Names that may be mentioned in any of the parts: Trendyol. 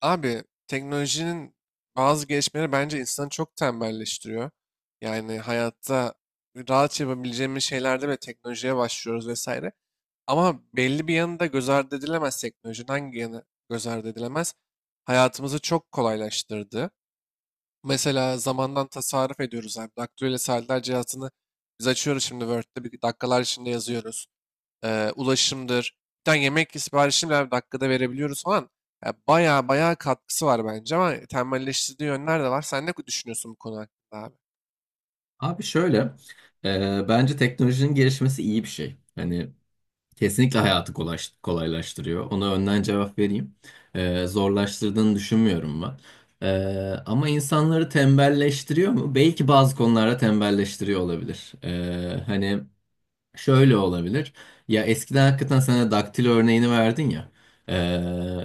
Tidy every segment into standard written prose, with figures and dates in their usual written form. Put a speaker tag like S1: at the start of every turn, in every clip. S1: Abi teknolojinin bazı gelişmeleri bence insanı çok tembelleştiriyor. Yani hayatta rahat yapabileceğimiz şeylerde bile teknolojiye başlıyoruz vesaire. Ama belli bir yanı da göz ardı edilemez teknolojinin. Hangi yanı göz ardı edilemez? Hayatımızı çok kolaylaştırdı. Mesela zamandan tasarruf ediyoruz abi. Daktilo ile saatler cihazını biz açıyoruz, şimdi Word'de bir dakikalar içinde yazıyoruz ulaşımdır. Bir tane yemek siparişini bile dakikada verebiliyoruz falan. Ya bayağı bayağı katkısı var bence, ama tembelleştirdiği yönler de var. Sen ne düşünüyorsun bu konu hakkında abi?
S2: Abi şöyle, bence teknolojinin gelişmesi iyi bir şey. Hani kesinlikle hayatı kolaylaştırıyor. Ona önden cevap vereyim. Zorlaştırdığını düşünmüyorum ben. Ama insanları tembelleştiriyor mu? Belki bazı konularda tembelleştiriyor olabilir. Hani şöyle olabilir. Ya eskiden hakikaten sana daktilo örneğini verdin ya. Ee,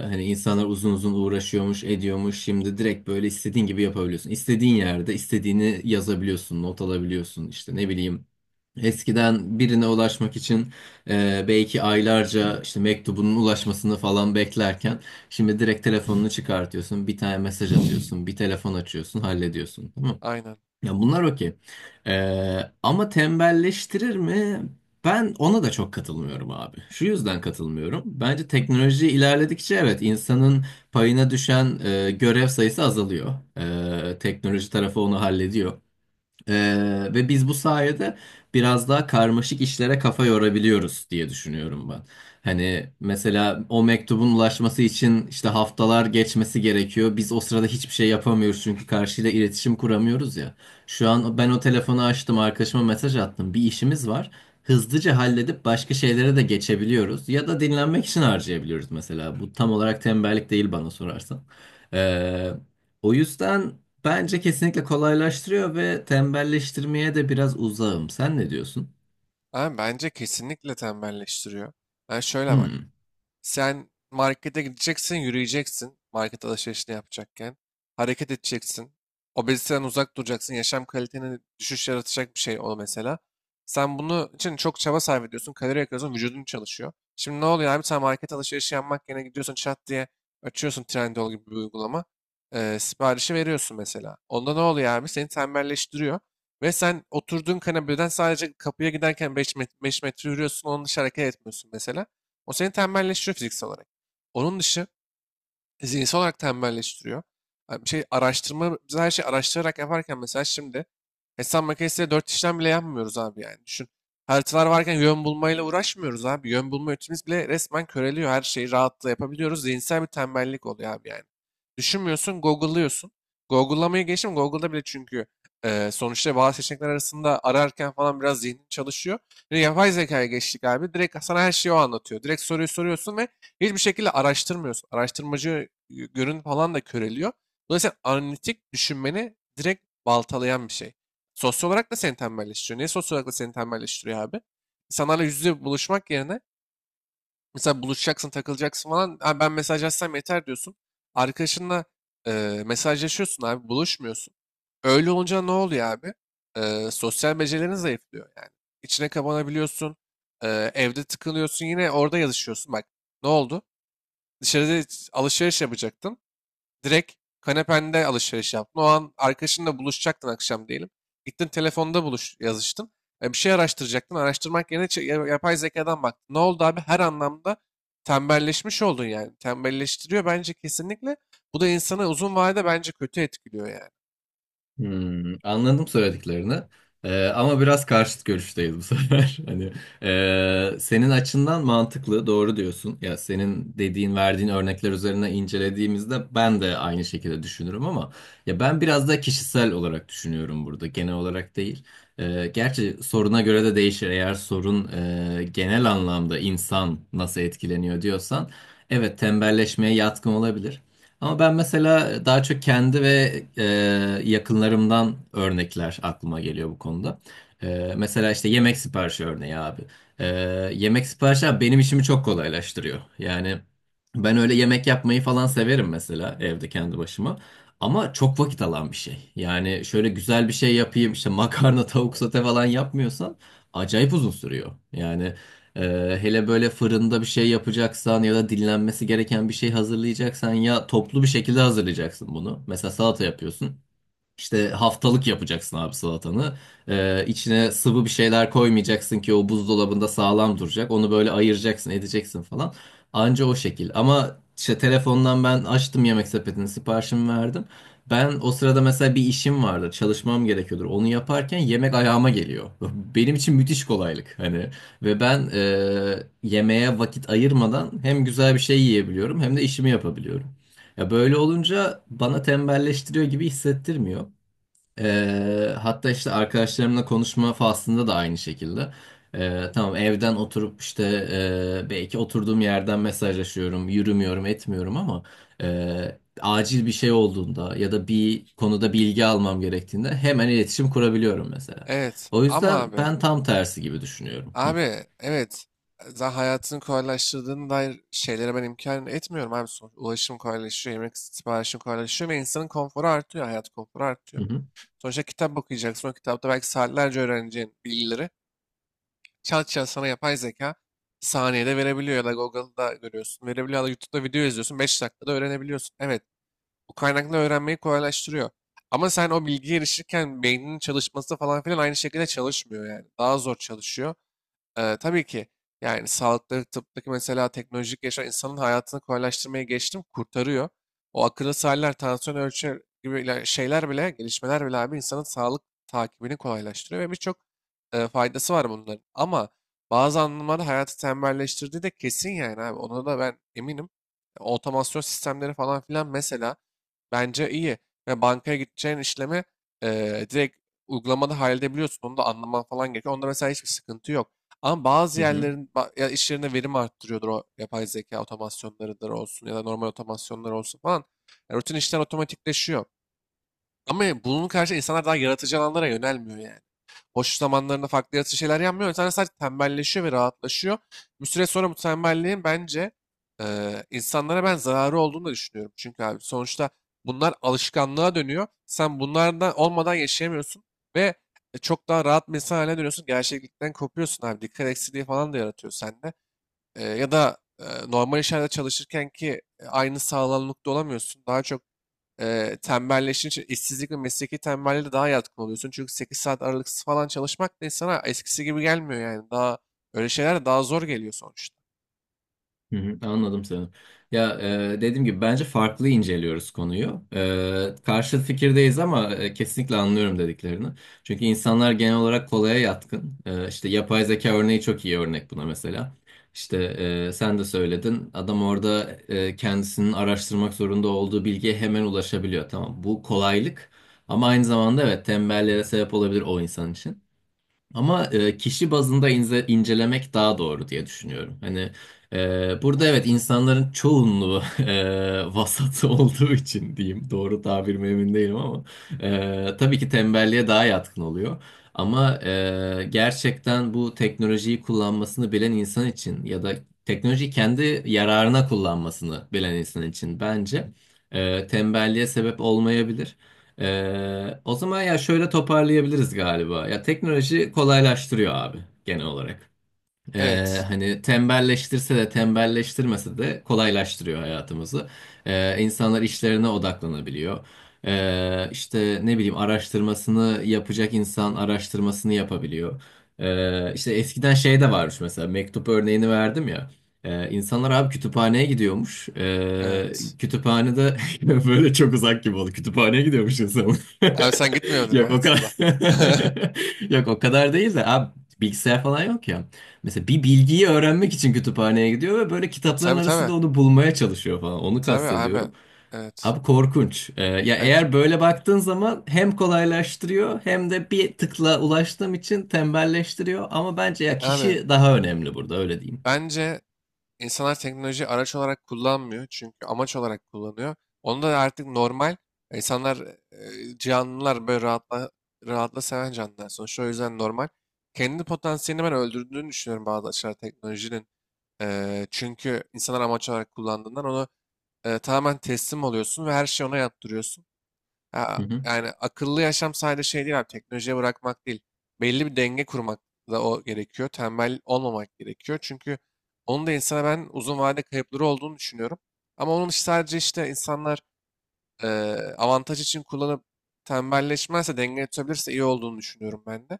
S2: Hani insanlar uzun uzun uğraşıyormuş, ediyormuş. Şimdi direkt böyle istediğin gibi yapabiliyorsun. İstediğin yerde istediğini yazabiliyorsun, not alabiliyorsun. İşte ne bileyim. Eskiden birine ulaşmak için belki aylarca işte mektubunun ulaşmasını falan beklerken şimdi direkt telefonunu çıkartıyorsun, bir tane mesaj atıyorsun, bir telefon açıyorsun, hallediyorsun.
S1: Aynen.
S2: Ya bunlar okey. Ama tembelleştirir mi? Ben ona da çok katılmıyorum abi. Şu yüzden katılmıyorum. Bence teknoloji ilerledikçe evet insanın payına düşen görev sayısı azalıyor. Teknoloji tarafı onu hallediyor. Ve biz bu sayede biraz daha karmaşık işlere kafa yorabiliyoruz diye düşünüyorum ben. Hani mesela o mektubun ulaşması için işte haftalar geçmesi gerekiyor. Biz o sırada hiçbir şey yapamıyoruz çünkü karşıyla iletişim kuramıyoruz ya. Şu an ben o telefonu açtım, arkadaşıma mesaj attım. Bir işimiz var. Hızlıca halledip başka şeylere de geçebiliyoruz. Ya da dinlenmek için harcayabiliyoruz mesela. Bu tam olarak tembellik değil bana sorarsan. Ee, O yüzden. Bence kesinlikle kolaylaştırıyor ve tembelleştirmeye de biraz uzağım. Sen ne diyorsun?
S1: Abi bence kesinlikle tembelleştiriyor. Yani şöyle bak.
S2: Hmm.
S1: Sen markete gideceksin, yürüyeceksin. Market alışverişini yapacakken. Hareket edeceksin. Obeziteden uzak duracaksın. Yaşam kaliteni düşüş yaratacak bir şey o mesela. Sen bunu için çok çaba sarf ediyorsun. Kalori yakıyorsun. Vücudun çalışıyor. Şimdi ne oluyor abi? Sen market alışverişi yapmak yerine gidiyorsun, çat diye açıyorsun Trendyol gibi bir uygulama. Siparişi veriyorsun mesela. Onda ne oluyor abi? Seni tembelleştiriyor. Ve sen oturduğun kanepeden sadece kapıya giderken 5 metre yürüyorsun. Onun dışı hareket etmiyorsun mesela. O seni tembelleştiriyor fiziksel olarak. Onun dışı zihinsel olarak tembelleştiriyor. Ha, bir şey araştırma, biz her şeyi araştırarak yaparken mesela şimdi hesap makinesiyle dört işlem bile yapmıyoruz abi yani. Düşün. Haritalar varken yön bulmayla uğraşmıyoruz abi. Yön bulma yetimiz bile resmen köreliyor. Her şeyi rahatla yapabiliyoruz. Zihinsel bir tembellik oluyor abi yani. Düşünmüyorsun, Google'lıyorsun. Google'lamayı geçtim. Google'da bile, çünkü sonuçta bazı seçenekler arasında ararken falan biraz zihnin çalışıyor. Bir de yapay zekaya geçtik abi. Direkt sana her şeyi o anlatıyor. Direkt soruyu soruyorsun ve hiçbir şekilde araştırmıyorsun. Araştırmacı görün falan da köreliyor. Dolayısıyla analitik düşünmeni direkt baltalayan bir şey. Sosyal olarak da seni tembelleştiriyor. Niye sosyal olarak da seni tembelleştiriyor abi? İnsanlarla yüz yüze buluşmak yerine mesela buluşacaksın, takılacaksın falan. "Ha, ben mesajlaşsam yeter" diyorsun. Arkadaşınla mesajlaşıyorsun abi, buluşmuyorsun. Öyle olunca ne oluyor abi? Sosyal becerilerin zayıflıyor yani. İçine kapanabiliyorsun. Evde tıkılıyorsun. Yine orada yazışıyorsun. Bak, ne oldu? Dışarıda alışveriş yapacaktın. Direkt kanepende alışveriş yaptın. O an arkadaşınla buluşacaktın akşam diyelim. Gittin telefonda buluş yazıştın. Bir şey araştıracaktın. Araştırmak yerine yapay zekadan baktın. Ne oldu abi? Her anlamda tembelleşmiş oldun yani. Tembelleştiriyor bence kesinlikle. Bu da insanı uzun vadede bence kötü etkiliyor yani.
S2: Hmm, anladım söylediklerini. Ama biraz karşıt görüşteyiz bu sefer. Hani senin açından mantıklı, doğru diyorsun. Ya senin dediğin, verdiğin örnekler üzerine incelediğimizde ben de aynı şekilde düşünürüm ama ya ben biraz da kişisel olarak düşünüyorum burada, genel olarak değil. Gerçi soruna göre de değişir. Eğer sorun genel anlamda insan nasıl etkileniyor diyorsan, evet tembelleşmeye yatkın olabilir. Ama ben mesela daha çok kendi ve yakınlarımdan örnekler aklıma geliyor bu konuda. Mesela işte yemek siparişi örneği abi. E, Yemek siparişi abi benim işimi çok kolaylaştırıyor. Yani ben öyle yemek yapmayı falan severim mesela evde kendi başıma. Ama çok vakit alan bir şey. Yani şöyle güzel bir şey yapayım işte makarna, tavuk sote falan yapmıyorsan acayip uzun sürüyor. Yani hele böyle fırında bir şey yapacaksan ya da dinlenmesi gereken bir şey hazırlayacaksan ya toplu bir şekilde hazırlayacaksın bunu. Mesela salata yapıyorsun. İşte haftalık yapacaksın abi salatanı. İçine sıvı bir şeyler koymayacaksın ki o buzdolabında sağlam duracak. Onu böyle ayıracaksın, edeceksin falan. Anca o şekil. Ama işte telefondan ben açtım yemek sepetini, siparişimi verdim. Ben o sırada mesela bir işim vardı, çalışmam gerekiyordur. Onu yaparken yemek ayağıma geliyor. Benim için müthiş kolaylık hani. Ve ben yemeğe vakit ayırmadan hem güzel bir şey yiyebiliyorum hem de işimi yapabiliyorum. Ya böyle olunca bana tembelleştiriyor gibi hissettirmiyor. Hatta işte arkadaşlarımla konuşma faslında da aynı şekilde. Tamam evden oturup işte belki oturduğum yerden mesajlaşıyorum, yürümüyorum, etmiyorum ama acil bir şey olduğunda ya da bir konuda bilgi almam gerektiğinde hemen iletişim kurabiliyorum mesela.
S1: Evet,
S2: O
S1: ama
S2: yüzden
S1: abi,
S2: ben tam tersi gibi düşünüyorum. Hı
S1: abi evet, zaten hayatını kolaylaştırdığına dair şeylere ben imkan etmiyorum abi, sonuç. Ulaşım kolaylaşıyor, yemek siparişim kolaylaşıyor ve insanın konforu artıyor, hayat konforu artıyor.
S2: hı
S1: Sonuçta kitap okuyacaksın, o kitapta belki saatlerce öğreneceğin bilgileri çat çat sana yapay zeka saniyede verebiliyor ya da Google'da görüyorsun, verebiliyor ya da YouTube'da video izliyorsun, 5 dakikada öğrenebiliyorsun. Evet, bu kaynakla öğrenmeyi kolaylaştırıyor. Ama sen o bilgiye erişirken beyninin çalışması falan filan aynı şekilde çalışmıyor yani. Daha zor çalışıyor. Tabii ki yani sağlıkta, tıptaki mesela teknolojik yaşam insanın hayatını kolaylaştırmaya geçtim, kurtarıyor. O akıllı saatler, tansiyon ölçer gibi şeyler bile, gelişmeler bile abi insanın sağlık takibini kolaylaştırıyor ve birçok faydası var bunların. Ama bazı anlamlarda hayatı tembelleştirdiği de kesin yani abi. Ona da ben eminim. Otomasyon sistemleri falan filan mesela. Bence iyi. Ve bankaya gideceğin işlemi direkt uygulamada halledebiliyorsun. Onu da anlaman falan gerekiyor. Onda mesela hiçbir sıkıntı yok. Ama bazı
S2: hı hı.
S1: yerlerin ya iş yerine verim arttırıyordur, o yapay zeka otomasyonlarıdır olsun ya da normal otomasyonlar olsun falan. Yani rutin işler otomatikleşiyor. Ama bunun karşı insanlar daha yaratıcı alanlara yönelmiyor yani. Boş zamanlarında farklı yaratıcı şeyler yapmıyor. İnsanlar sadece tembelleşiyor ve rahatlaşıyor. Bir süre sonra bu tembelliğin bence insanlara ben zararı olduğunu da düşünüyorum. Çünkü abi sonuçta bunlar alışkanlığa dönüyor. Sen bunlardan olmadan yaşayamıyorsun ve çok daha rahat bir insan haline dönüyorsun. Gerçeklikten kopuyorsun abi. Dikkat eksikliği falan da yaratıyor sende. Ya da normal işlerde çalışırken ki aynı sağlamlıkta olamıyorsun. Daha çok tembelleşince işte işsizlik ve mesleki tembelliğe de daha yatkın oluyorsun. Çünkü 8 saat aralıksız falan çalışmak da insana eskisi gibi gelmiyor yani. Daha öyle şeyler de daha zor geliyor sonuçta.
S2: Hı hı, anladım seni. Ya dediğim gibi bence farklı inceliyoruz konuyu. Karşı fikirdeyiz ama kesinlikle anlıyorum dediklerini. Çünkü insanlar genel olarak kolaya yatkın. İşte yapay zeka örneği çok iyi örnek buna mesela. İşte sen de söyledin. Adam orada kendisinin araştırmak zorunda olduğu bilgiye hemen ulaşabiliyor. Tamam, bu kolaylık. Ama aynı zamanda evet tembelliğe sebep olabilir o insan için. Ama kişi bazında incelemek daha doğru diye düşünüyorum. Hani burada evet insanların çoğunluğu vasat olduğu için diyeyim. Doğru tabir mi emin değilim ama tabii ki tembelliğe daha yatkın oluyor. Ama gerçekten bu teknolojiyi kullanmasını bilen insan için ya da teknolojiyi kendi yararına kullanmasını bilen insan için bence tembelliğe sebep olmayabilir. O zaman ya şöyle toparlayabiliriz galiba. Ya teknoloji kolaylaştırıyor abi genel olarak.
S1: Evet.
S2: Hani tembelleştirse de tembelleştirmese de kolaylaştırıyor hayatımızı. İnsanlar işlerine odaklanabiliyor. İşte ne bileyim araştırmasını yapacak insan araştırmasını yapabiliyor. İşte eskiden şey de varmış mesela mektup örneğini verdim ya. İnsanlar abi kütüphaneye gidiyormuş.
S1: Evet.
S2: Kütüphanede böyle çok uzak gibi oldu. Kütüphaneye gidiyormuş insan.
S1: Abi sen gitmiyordun
S2: Yok o
S1: hayatında.
S2: kadar. Yok o kadar değil de abi bilgisayar falan yok ya. Mesela bir bilgiyi öğrenmek için kütüphaneye gidiyor ve böyle
S1: E,
S2: kitapların
S1: Tabii tabii.
S2: arasında onu bulmaya çalışıyor falan. Onu
S1: Tabii abi.
S2: kastediyorum.
S1: Evet.
S2: Abi korkunç. Ya
S1: Evet.
S2: eğer böyle baktığın zaman hem kolaylaştırıyor hem de bir tıkla ulaştığım için tembelleştiriyor. Ama bence ya
S1: Abi
S2: kişi daha önemli burada öyle diyeyim.
S1: bence İnsanlar teknolojiyi araç olarak kullanmıyor, çünkü amaç olarak kullanıyor. Onu da artık normal insanlar, canlılar böyle rahatla seven canlılar sonuçta, o yüzden normal. Kendi potansiyelini ben öldürdüğünü düşünüyorum bazı açılar teknolojinin. Çünkü insanlar amaç olarak kullandığından onu tamamen teslim oluyorsun ve her şeyi ona yaptırıyorsun. Ha,
S2: Hı hı.
S1: yani akıllı yaşam sadece şey değil abi, teknolojiye bırakmak değil. Belli bir denge kurmak da o gerekiyor. Tembel olmamak gerekiyor. Çünkü onun da insana ben uzun vade kayıpları olduğunu düşünüyorum. Ama onun işte sadece işte insanlar e, avantaj için kullanıp tembelleşmezse, denge tutabilirse iyi olduğunu düşünüyorum ben de.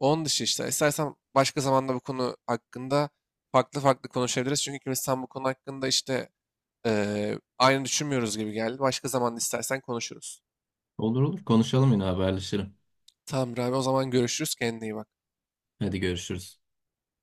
S1: Onun dışı işte istersen başka zamanda bu konu hakkında farklı farklı konuşabiliriz. Çünkü ikimiz tam bu konu hakkında işte aynı düşünmüyoruz gibi geldi. Başka zaman istersen konuşuruz.
S2: Olur olur konuşalım yine haberleşelim.
S1: Tamamdır abi, o zaman görüşürüz. Kendine iyi bak.
S2: Hadi görüşürüz.